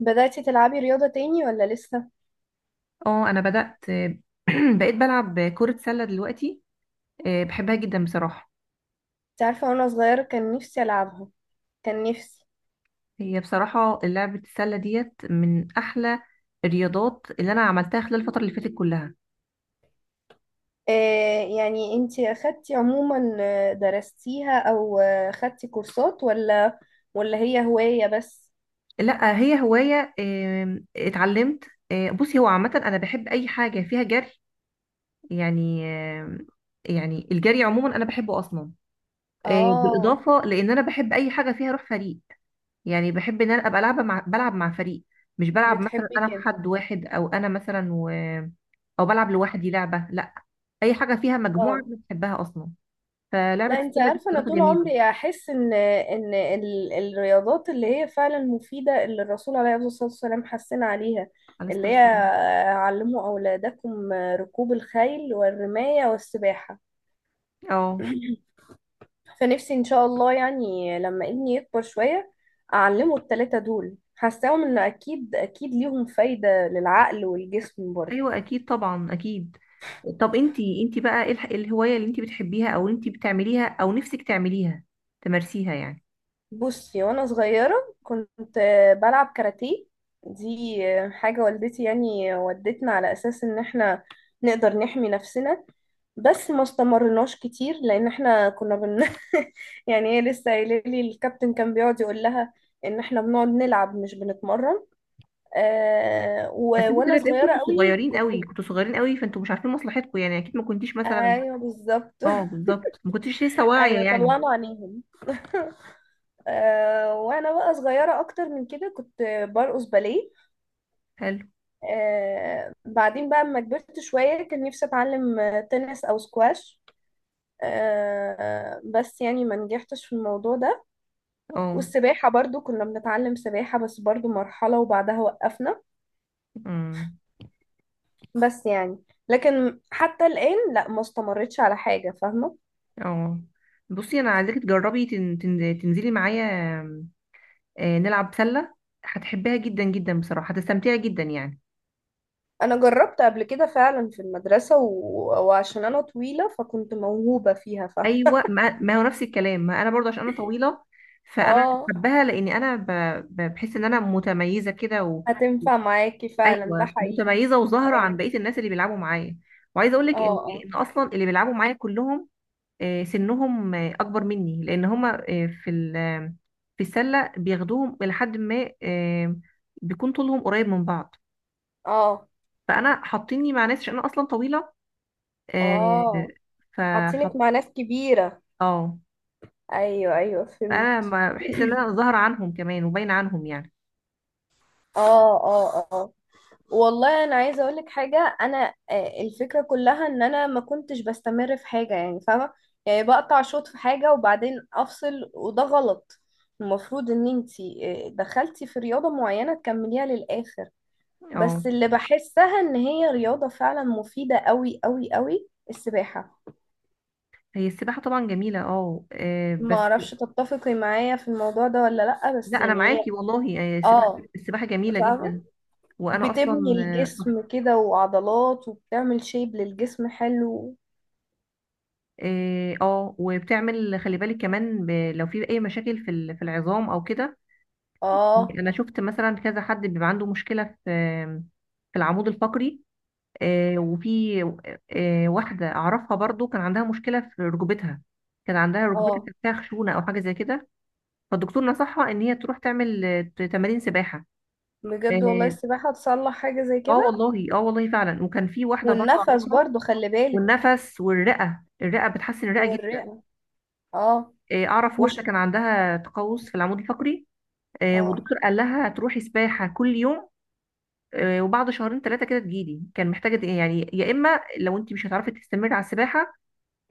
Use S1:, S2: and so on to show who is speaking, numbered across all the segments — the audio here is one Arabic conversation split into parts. S1: بدأتي تلعبي رياضة تاني ولا لسه؟
S2: اه، انا بدأت. بقيت بلعب كرة سلة دلوقتي. آه، بحبها جدا بصراحة.
S1: انت عارفة وانا صغيرة كان نفسي ألعبها. كان نفسي.
S2: هي بصراحة لعبة السلة ديت من احلى الرياضات اللي انا عملتها خلال الفترة اللي فاتت كلها.
S1: يعني انت أخدتي عموما، درستيها أو أخدتي كورسات ولا هي هواية بس؟
S2: لا، هي هواية، اتعلمت. بصي، هو عامة انا بحب اي حاجة فيها جري. يعني آم، يعني الجري عموما انا بحبه اصلا.
S1: اه.
S2: بالاضافة لان انا بحب اي حاجة فيها روح فريق. يعني بحب ان انا ابقى لعبه مع بلعب مع فريق، مش بلعب مثلا
S1: بتحبي
S2: انا في
S1: كده.
S2: حد واحد، او انا مثلا او بلعب لوحدي لعبه. لا، اي حاجه فيها مجموعه
S1: اه.
S2: انا بحبها اصلا. فلعبه
S1: لا، انت
S2: السله دي
S1: عارفة انا
S2: بصراحه
S1: طول
S2: جميله.
S1: عمري احس ان الرياضات اللي هي فعلا مفيدة، اللي الرسول عليه الصلاة والسلام حثنا عليها،
S2: على لسه
S1: اللي هي
S2: بس.
S1: علموا أولادكم ركوب الخيل والرماية والسباحة.
S2: اه،
S1: فنفسي ان شاء الله يعني لما ابني يكبر شوية اعلمه التلاتة دول، حاساهم ان اكيد اكيد ليهم فايدة للعقل والجسم برضه.
S2: ايوه، اكيد، طبعا اكيد. طب، انتي بقى ايه الهوايه اللي انتي بتحبيها، او انتي بتعمليها، او نفسك تعمليها، تمارسيها يعني.
S1: بصي، وانا صغيرة كنت بلعب كاراتيه. دي حاجة والدتي يعني ودتنا على اساس ان احنا نقدر نحمي نفسنا، بس ما استمرناش كتير لان احنا كنا يعني هي لسه قايله لي الكابتن كان بيقعد يقول لها ان احنا بنقعد نلعب مش بنتمرن.
S2: بس انتوا
S1: وانا
S2: كده تلاقيكم
S1: صغيرة
S2: كنتوا
S1: قوي
S2: صغيرين
S1: كنت.
S2: قوي، كنتوا صغيرين قوي، فانتوا مش عارفين مصلحتكم يعني، اكيد ما كنتيش مثلا.
S1: ايوه بالظبط.
S2: اه، بالظبط، ما كنتيش لسه واعيه
S1: ايوه
S2: يعني.
S1: طلعنا عينيهم. وانا بقى صغيرة اكتر من كده كنت برقص باليه.
S2: حلو.
S1: بعدين بقى اما كبرت شوية كان نفسي اتعلم تنس او سكواش. بس يعني ما نجحتش في الموضوع ده.
S2: اه.
S1: والسباحة برضو كنا بنتعلم سباحة، بس برضو مرحلة وبعدها وقفنا.
S2: امم.
S1: بس يعني لكن حتى الآن لا، ما استمرتش على حاجة، فاهمة.
S2: اه. بصي، انا عايزاكي تجربي، تنزلي معايا. نلعب سله. هتحبيها جدا جدا بصراحه، هتستمتعي جدا يعني.
S1: انا جربت قبل كده فعلا في المدرسة، وعشان انا طويلة فكنت موهوبة فيها
S2: ايوه، ما هو نفس الكلام، ما انا برضه عشان انا طويله، فانا
S1: اه.
S2: بحبها لان انا بحس ان انا متميزه كده
S1: هتنفع معاكي فعلا، ده
S2: ايوه،
S1: حقيقي.
S2: متميزه وظاهره عن
S1: ايوه.
S2: بقيه الناس اللي بيلعبوا معايا. وعايزه اقول
S1: اه
S2: لك ان
S1: اه
S2: ان اصلا اللي بيلعبوا معايا كلهم، سنهم اكبر مني، لان هما في في السله بياخدوهم لحد ما بيكون طولهم قريب من بعض.
S1: اه
S2: فانا حاطيني مع ناس عشان انا اصلا طويله، آه،
S1: اه. حاطينك
S2: فحط
S1: مع ناس كبيرة.
S2: اه،
S1: ايوه ايوه
S2: فانا
S1: فهمت.
S2: بحس ان انا ظاهره عنهم كمان وباينه عنهم يعني.
S1: اه اه اه. والله انا عايزه اقول لك حاجه. انا الفكره كلها ان انا ما كنتش بستمر في حاجه، يعني فاهمه. يعني بقطع شوط في حاجه وبعدين افصل، وده غلط. المفروض ان انتي دخلتي في رياضه معينه تكمليها للاخر.
S2: اه،
S1: بس اللي بحسها ان هي رياضه فعلا مفيده قوي قوي قوي، السباحه.
S2: هي السباحه طبعا جميله، اه،
S1: ما
S2: بس،
S1: اعرفش تتفقي معايا في الموضوع ده ولا لا، بس
S2: لا انا
S1: يعني هي.
S2: معاكي والله، السباحه
S1: اه،
S2: السباحه جميله
S1: فاهمه.
S2: جدا. وانا
S1: بتبني
S2: اصلا
S1: الجسم كده وعضلات، وبتعمل شيب للجسم حلو.
S2: اه، وبتعمل خلي بالك كمان، لو في اي مشاكل في في العظام او كده.
S1: اه
S2: يعني انا شفت مثلا كذا حد بيبقى عنده مشكله في العمود الفقري، وفي واحده اعرفها برضو كان عندها مشكله في ركبتها، كان عندها ركبتها
S1: اه.
S2: كان فيها خشونه او حاجه زي كده. فالدكتور نصحها ان هي تروح تعمل تمارين سباحه.
S1: بجد؟ والله
S2: اه،
S1: السباحة تصلح حاجة زي
S2: آه
S1: كده.
S2: والله، اه والله فعلا، وكان في واحده برضو
S1: والنفس
S2: اعرفها.
S1: برضو، خلي بالك.
S2: والنفس، والرئه بتحسن الرئه جدا.
S1: والرئة. اه.
S2: اعرف واحده
S1: مش.
S2: كان عندها تقوس في العمود الفقري.
S1: اه
S2: والدكتور قال لها تروحي سباحه كل يوم. وبعد شهرين 3 كده تجيلي، كان محتاجة يعني، يا إما لو أنت مش هتعرفي تستمري على السباحة،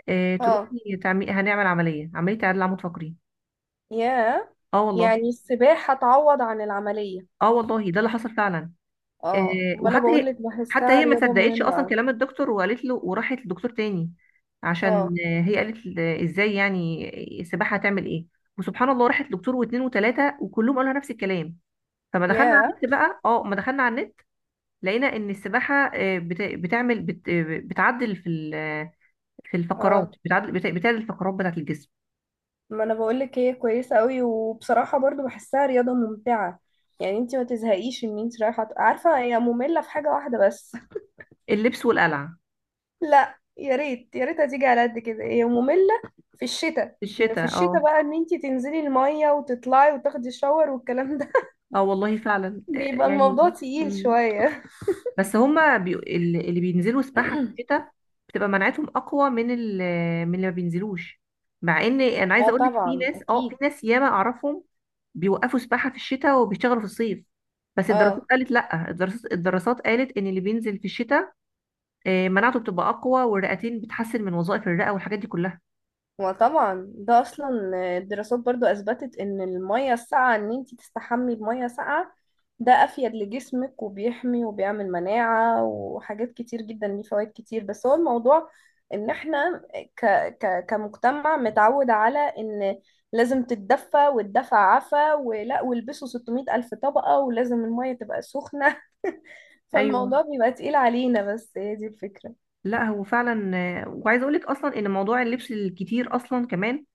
S1: اه.
S2: تروحي تعمي هنعمل عملية عدل عمود فقري.
S1: يا،
S2: اه والله.
S1: يعني السباحة تعوض عن العملية.
S2: اه والله، ده اللي حصل فعلا.
S1: اه، ما انا
S2: وحتى هي
S1: بقولك
S2: حتى
S1: بحسها
S2: هي ما
S1: رياضة
S2: صدقتش
S1: مهمة
S2: أصلا
S1: اوي.
S2: كلام الدكتور، وقالت له، وراحت للدكتور تاني،
S1: اه.
S2: عشان هي قالت إزاي يعني السباحة هتعمل إيه؟ وسبحان الله راحت لدكتور واتنين وتلاتة، وكلهم قالوا لها نفس الكلام. فما دخلنا على
S1: يا.
S2: النت بقى، اه ما دخلنا على النت، لقينا ان السباحه بتعدل في ال في الفقرات،
S1: اه.
S2: بتعدل الفقرات بتاعت الجسم.
S1: ما انا بقولك هي كويسة اوي، وبصراحة برضو بحسها رياضة ممتعة. يعني انت ما تزهقيش ان انت رايحة، عارفة، هي مملة في حاجة واحدة بس.
S2: اللبس والقلع.
S1: لا، يا ريت يا ريت هتيجي على قد كده. هي مملة في الشتاء،
S2: في
S1: ان في
S2: الشتاء.
S1: الشتاء
S2: اه،
S1: بقى ان انتي تنزلي المية وتطلعي وتاخدي شاور والكلام ده.
S2: اه والله فعلا،
S1: بيبقى
S2: يعني
S1: الموضوع تقيل
S2: مم.
S1: شوية.
S2: بس هما اللي بينزلوا سباحة في الشتاء بتبقى مناعتهم أقوى من اللي ما بينزلوش. مع إن أنا عايزة
S1: اه
S2: أقولك،
S1: طبعا
S2: في
S1: اكيد.
S2: ناس ياما أعرفهم بيوقفوا سباحة في الشتاء وبيشتغلوا في الصيف، بس الدراسات
S1: اه.
S2: قالت لأ، الدراسات قالت إن اللي بينزل في الشتاء مناعته بتبقى أقوى، والرئتين بتحسن من وظائف الرئة والحاجات دي كلها.
S1: وطبعا ده اصلا، الدراسات برضو اثبتت ان المية الساقعة، ان انتي تستحمي بمية ساقعة، ده افيد لجسمك وبيحمي وبيعمل مناعة وحاجات كتير جدا، ليه فوائد كتير. بس هو الموضوع ان احنا ك ك كمجتمع متعود على ان لازم تتدفى والدفع عفا ولا، والبسوا 600 الف طبقة، ولازم المية تبقى سخنة. فالموضوع
S2: ايوه.
S1: بيبقى تقيل علينا، بس هي دي الفكرة.
S2: لا هو فعلا. وعايزه اقول لك اصلا ان موضوع اللبس الكتير اصلا كمان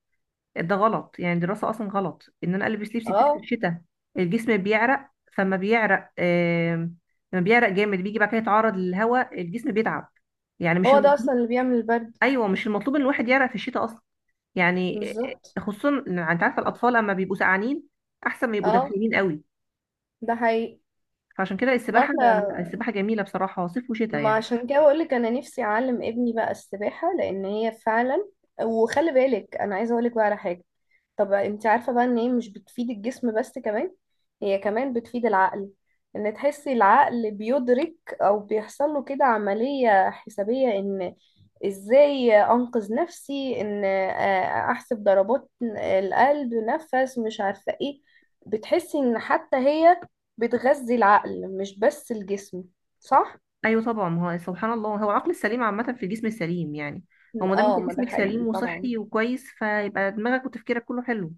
S2: ده غلط. يعني دراسه، اصلا غلط ان انا البس لبس كتير في
S1: اه.
S2: الشتاء، الجسم بيعرق، فما بيعرق لما بيعرق جامد بيجي بعد كده يتعرض للهواء الجسم بيتعب. يعني مش
S1: هو ده
S2: المطلوب.
S1: اصلا اللي بيعمل البرد.
S2: ايوه، مش المطلوب ان الواحد يعرق في الشتاء اصلا يعني.
S1: بالظبط.
S2: خصوصا إن انت عارفه، الاطفال اما بيبقوا سقعانين احسن ما يبقوا
S1: اه،
S2: دافئين قوي.
S1: ده حقيقي.
S2: فعشان كده
S1: ما
S2: السباحه،
S1: احنا
S2: لا، السباحه جميله بصراحه صيف وشتاء
S1: ما
S2: يعني.
S1: عشان كده بقولك، انا نفسي اعلم ابني بقى السباحة لان هي فعلا. وخلي بالك، انا عايزة اقولك بقى على حاجة. طب انت عارفة بقى ان هي مش بتفيد الجسم بس، كمان هي كمان بتفيد العقل. ان تحسي العقل بيدرك، او بيحصل له كده عملية حسابية، ان ازاي انقذ نفسي، ان احسب ضربات القلب، نفس، مش عارفة ايه. بتحسي ان حتى هي بتغذي العقل مش بس الجسم، صح؟
S2: ايوه طبعا، ما هو سبحان الله، هو العقل السليم عامه في الجسم السليم يعني. هو ما دام انت
S1: اه، ما ده
S2: جسمك
S1: حقيقي
S2: سليم
S1: طبعا.
S2: وصحي وكويس، فيبقى دماغك وتفكيرك كله حلو.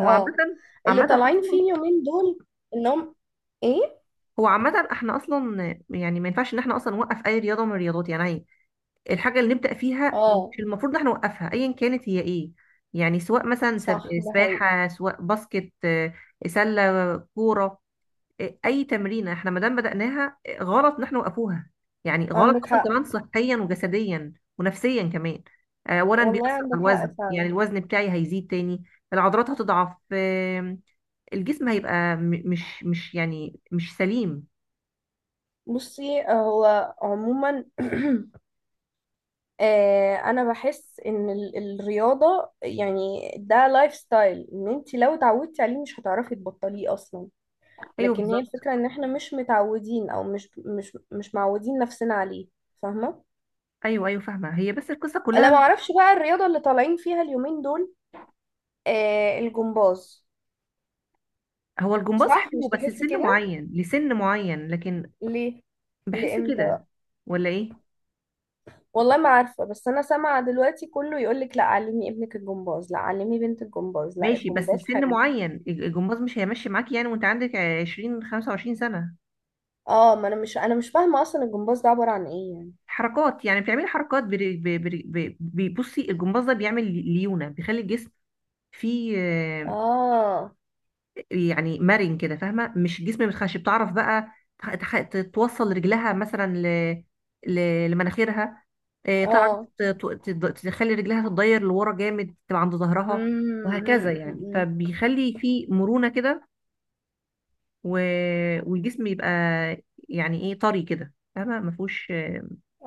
S2: هو عامه،
S1: اه، اللي
S2: عامه
S1: طالعين فيه
S2: اصلا.
S1: اليومين دول، انهم ايه؟
S2: هو عامه، احنا اصلا يعني ما ينفعش ان احنا اصلا نوقف اي رياضه من الرياضات يعني. الحاجه اللي نبدا فيها
S1: اه،
S2: مش المفروض ان احنا نوقفها، ايا كانت هي ايه. يعني سواء مثلا
S1: صح، ده حقيقي.
S2: سباحه، سواء باسكت سله، كوره، اي تمرينه احنا ما دام بدأناها، غلط ان احنا وقفوها. يعني غلط
S1: عندك
S2: اصلا
S1: حق.
S2: كمان، صحيا وجسديا ونفسيا كمان. اولا
S1: والله
S2: بيأثر
S1: عندك
S2: على
S1: حق
S2: الوزن،
S1: فعلا.
S2: يعني الوزن بتاعي هيزيد تاني. العضلات هتضعف، الجسم هيبقى مش يعني مش سليم.
S1: بصي هو عموما، انا بحس ان الرياضة يعني ده لايف ستايل، ان انت لو اتعودتي عليه مش هتعرفي تبطليه اصلا.
S2: ايوه
S1: لكن هي
S2: بالظبط.
S1: الفكرة ان احنا مش متعودين، او مش معودين نفسنا عليه، فاهمة.
S2: ايوه، ايوه، فاهمه. هي بس القصه
S1: انا
S2: كلها.
S1: ما اعرفش بقى الرياضة اللي طالعين فيها اليومين دول، الجمباز.
S2: هو الجمباز
S1: صح؟
S2: حلو
S1: مش
S2: بس
S1: تحسي
S2: لسن
S1: كده؟
S2: معين، لسن معين، لكن.
S1: ليه؟
S2: بحس
S1: لإمتى؟
S2: كده. ولا ايه؟
S1: والله ما عارفة، بس أنا سامعة دلوقتي كله يقولك لا علمي ابنك الجمباز، لا علمي بنت الجمباز، لا
S2: ماشي، بس
S1: الجمباز
S2: لسن
S1: حلو.
S2: معين الجمباز مش هيمشي معاك يعني وانت عندك 20، 25 سنه.
S1: اه، ما أنا مش فاهمة أصلا الجمباز ده عبارة عن إيه يعني.
S2: حركات يعني بتعملي حركات، بصي، الجمباز ده بيعمل ليونة، بيخلي الجسم فيه
S1: اه
S2: يعني مرن كده، فاهمة؟ مش جسم متخش، بتعرف بقى توصل رجلها مثلا ل... لمناخيرها. تعرف
S1: اه.
S2: تخلي رجلها تتضير لورا جامد، تبقى عند ظهرها، وهكذا
S1: امم.
S2: يعني، فبيخلي فيه مرونة كده و... والجسم يبقى يعني ايه، طري كده، فاهمة؟ مفهوش،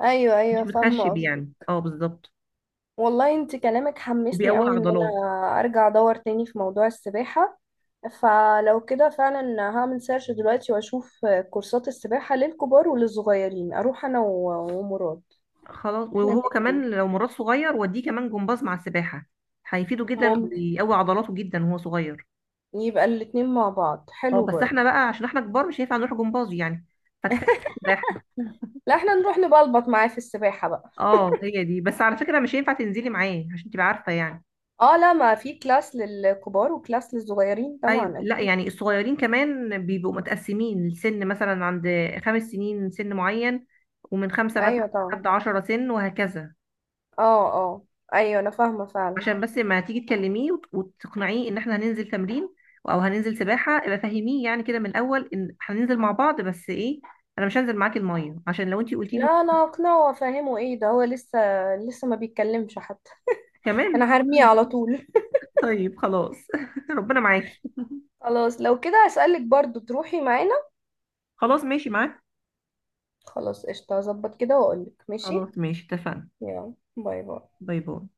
S1: أيوه
S2: مش
S1: أيوه، فاهمة
S2: متخشب
S1: قصدي.
S2: يعني، اه بالظبط.
S1: والله انت كلامك حمسني
S2: وبيقوي
S1: قوي ان
S2: عضلات.
S1: انا ارجع ادور تاني في موضوع السباحة. فلو كده فعلا هعمل سيرش دلوقتي واشوف كورسات السباحة للكبار وللصغيرين، اروح انا ومراد.
S2: خلاص،
S1: احنا
S2: وهو كمان
S1: الاتنين.
S2: لو مراد صغير وديه كمان جمباز مع السباحة هيفيده جدا
S1: ممكن.
S2: ويقوي عضلاته جدا وهو صغير.
S1: يبقى الاتنين مع بعض
S2: اه،
S1: حلو
S2: بس احنا
S1: برضه.
S2: بقى عشان احنا كبار مش هينفع نروح جمباز يعني، فكفاية نروح سباحة.
S1: لا، احنا نروح نبلبط معاه في السباحة بقى.
S2: اه، هي دي بس على فكرة، مش هينفع تنزلي معاه عشان تبقى عارفة يعني.
S1: اه. لا، ما في كلاس للكبار وكلاس للصغيرين
S2: ايوه،
S1: طبعا
S2: لا
S1: اكيد.
S2: يعني الصغيرين كمان بيبقوا متقسمين السن، مثلا عند 5 سنين سن معين، ومن 5 مثلا
S1: ايوه طبعا.
S2: لحد 10 سن، وهكذا.
S1: اه اه. ايوه انا فاهمة فعلا.
S2: عشان بس لما تيجي تكلميه وتقنعيه ان احنا هننزل تمرين، او هننزل سباحه، ابقى فهميه يعني كده من الاول ان هننزل مع بعض، بس ايه، انا مش هنزل معاكي الميه، عشان لو انتي قلتي له
S1: لا، انا اقنعه وافهمه ايه ده، هو لسه، لسه ما بيتكلمش حتى.
S2: كمان.
S1: انا هرميه على طول.
S2: طيب خلاص. ربنا معاكي.
S1: خلاص، لو كده اسألك برضو تروحي معانا.
S2: خلاص ماشي معاك.
S1: خلاص قشطة، هظبط كده واقولك ماشي.
S2: خلاص ماشي اتفقنا.
S1: يلا، باي باي.
S2: باي باي.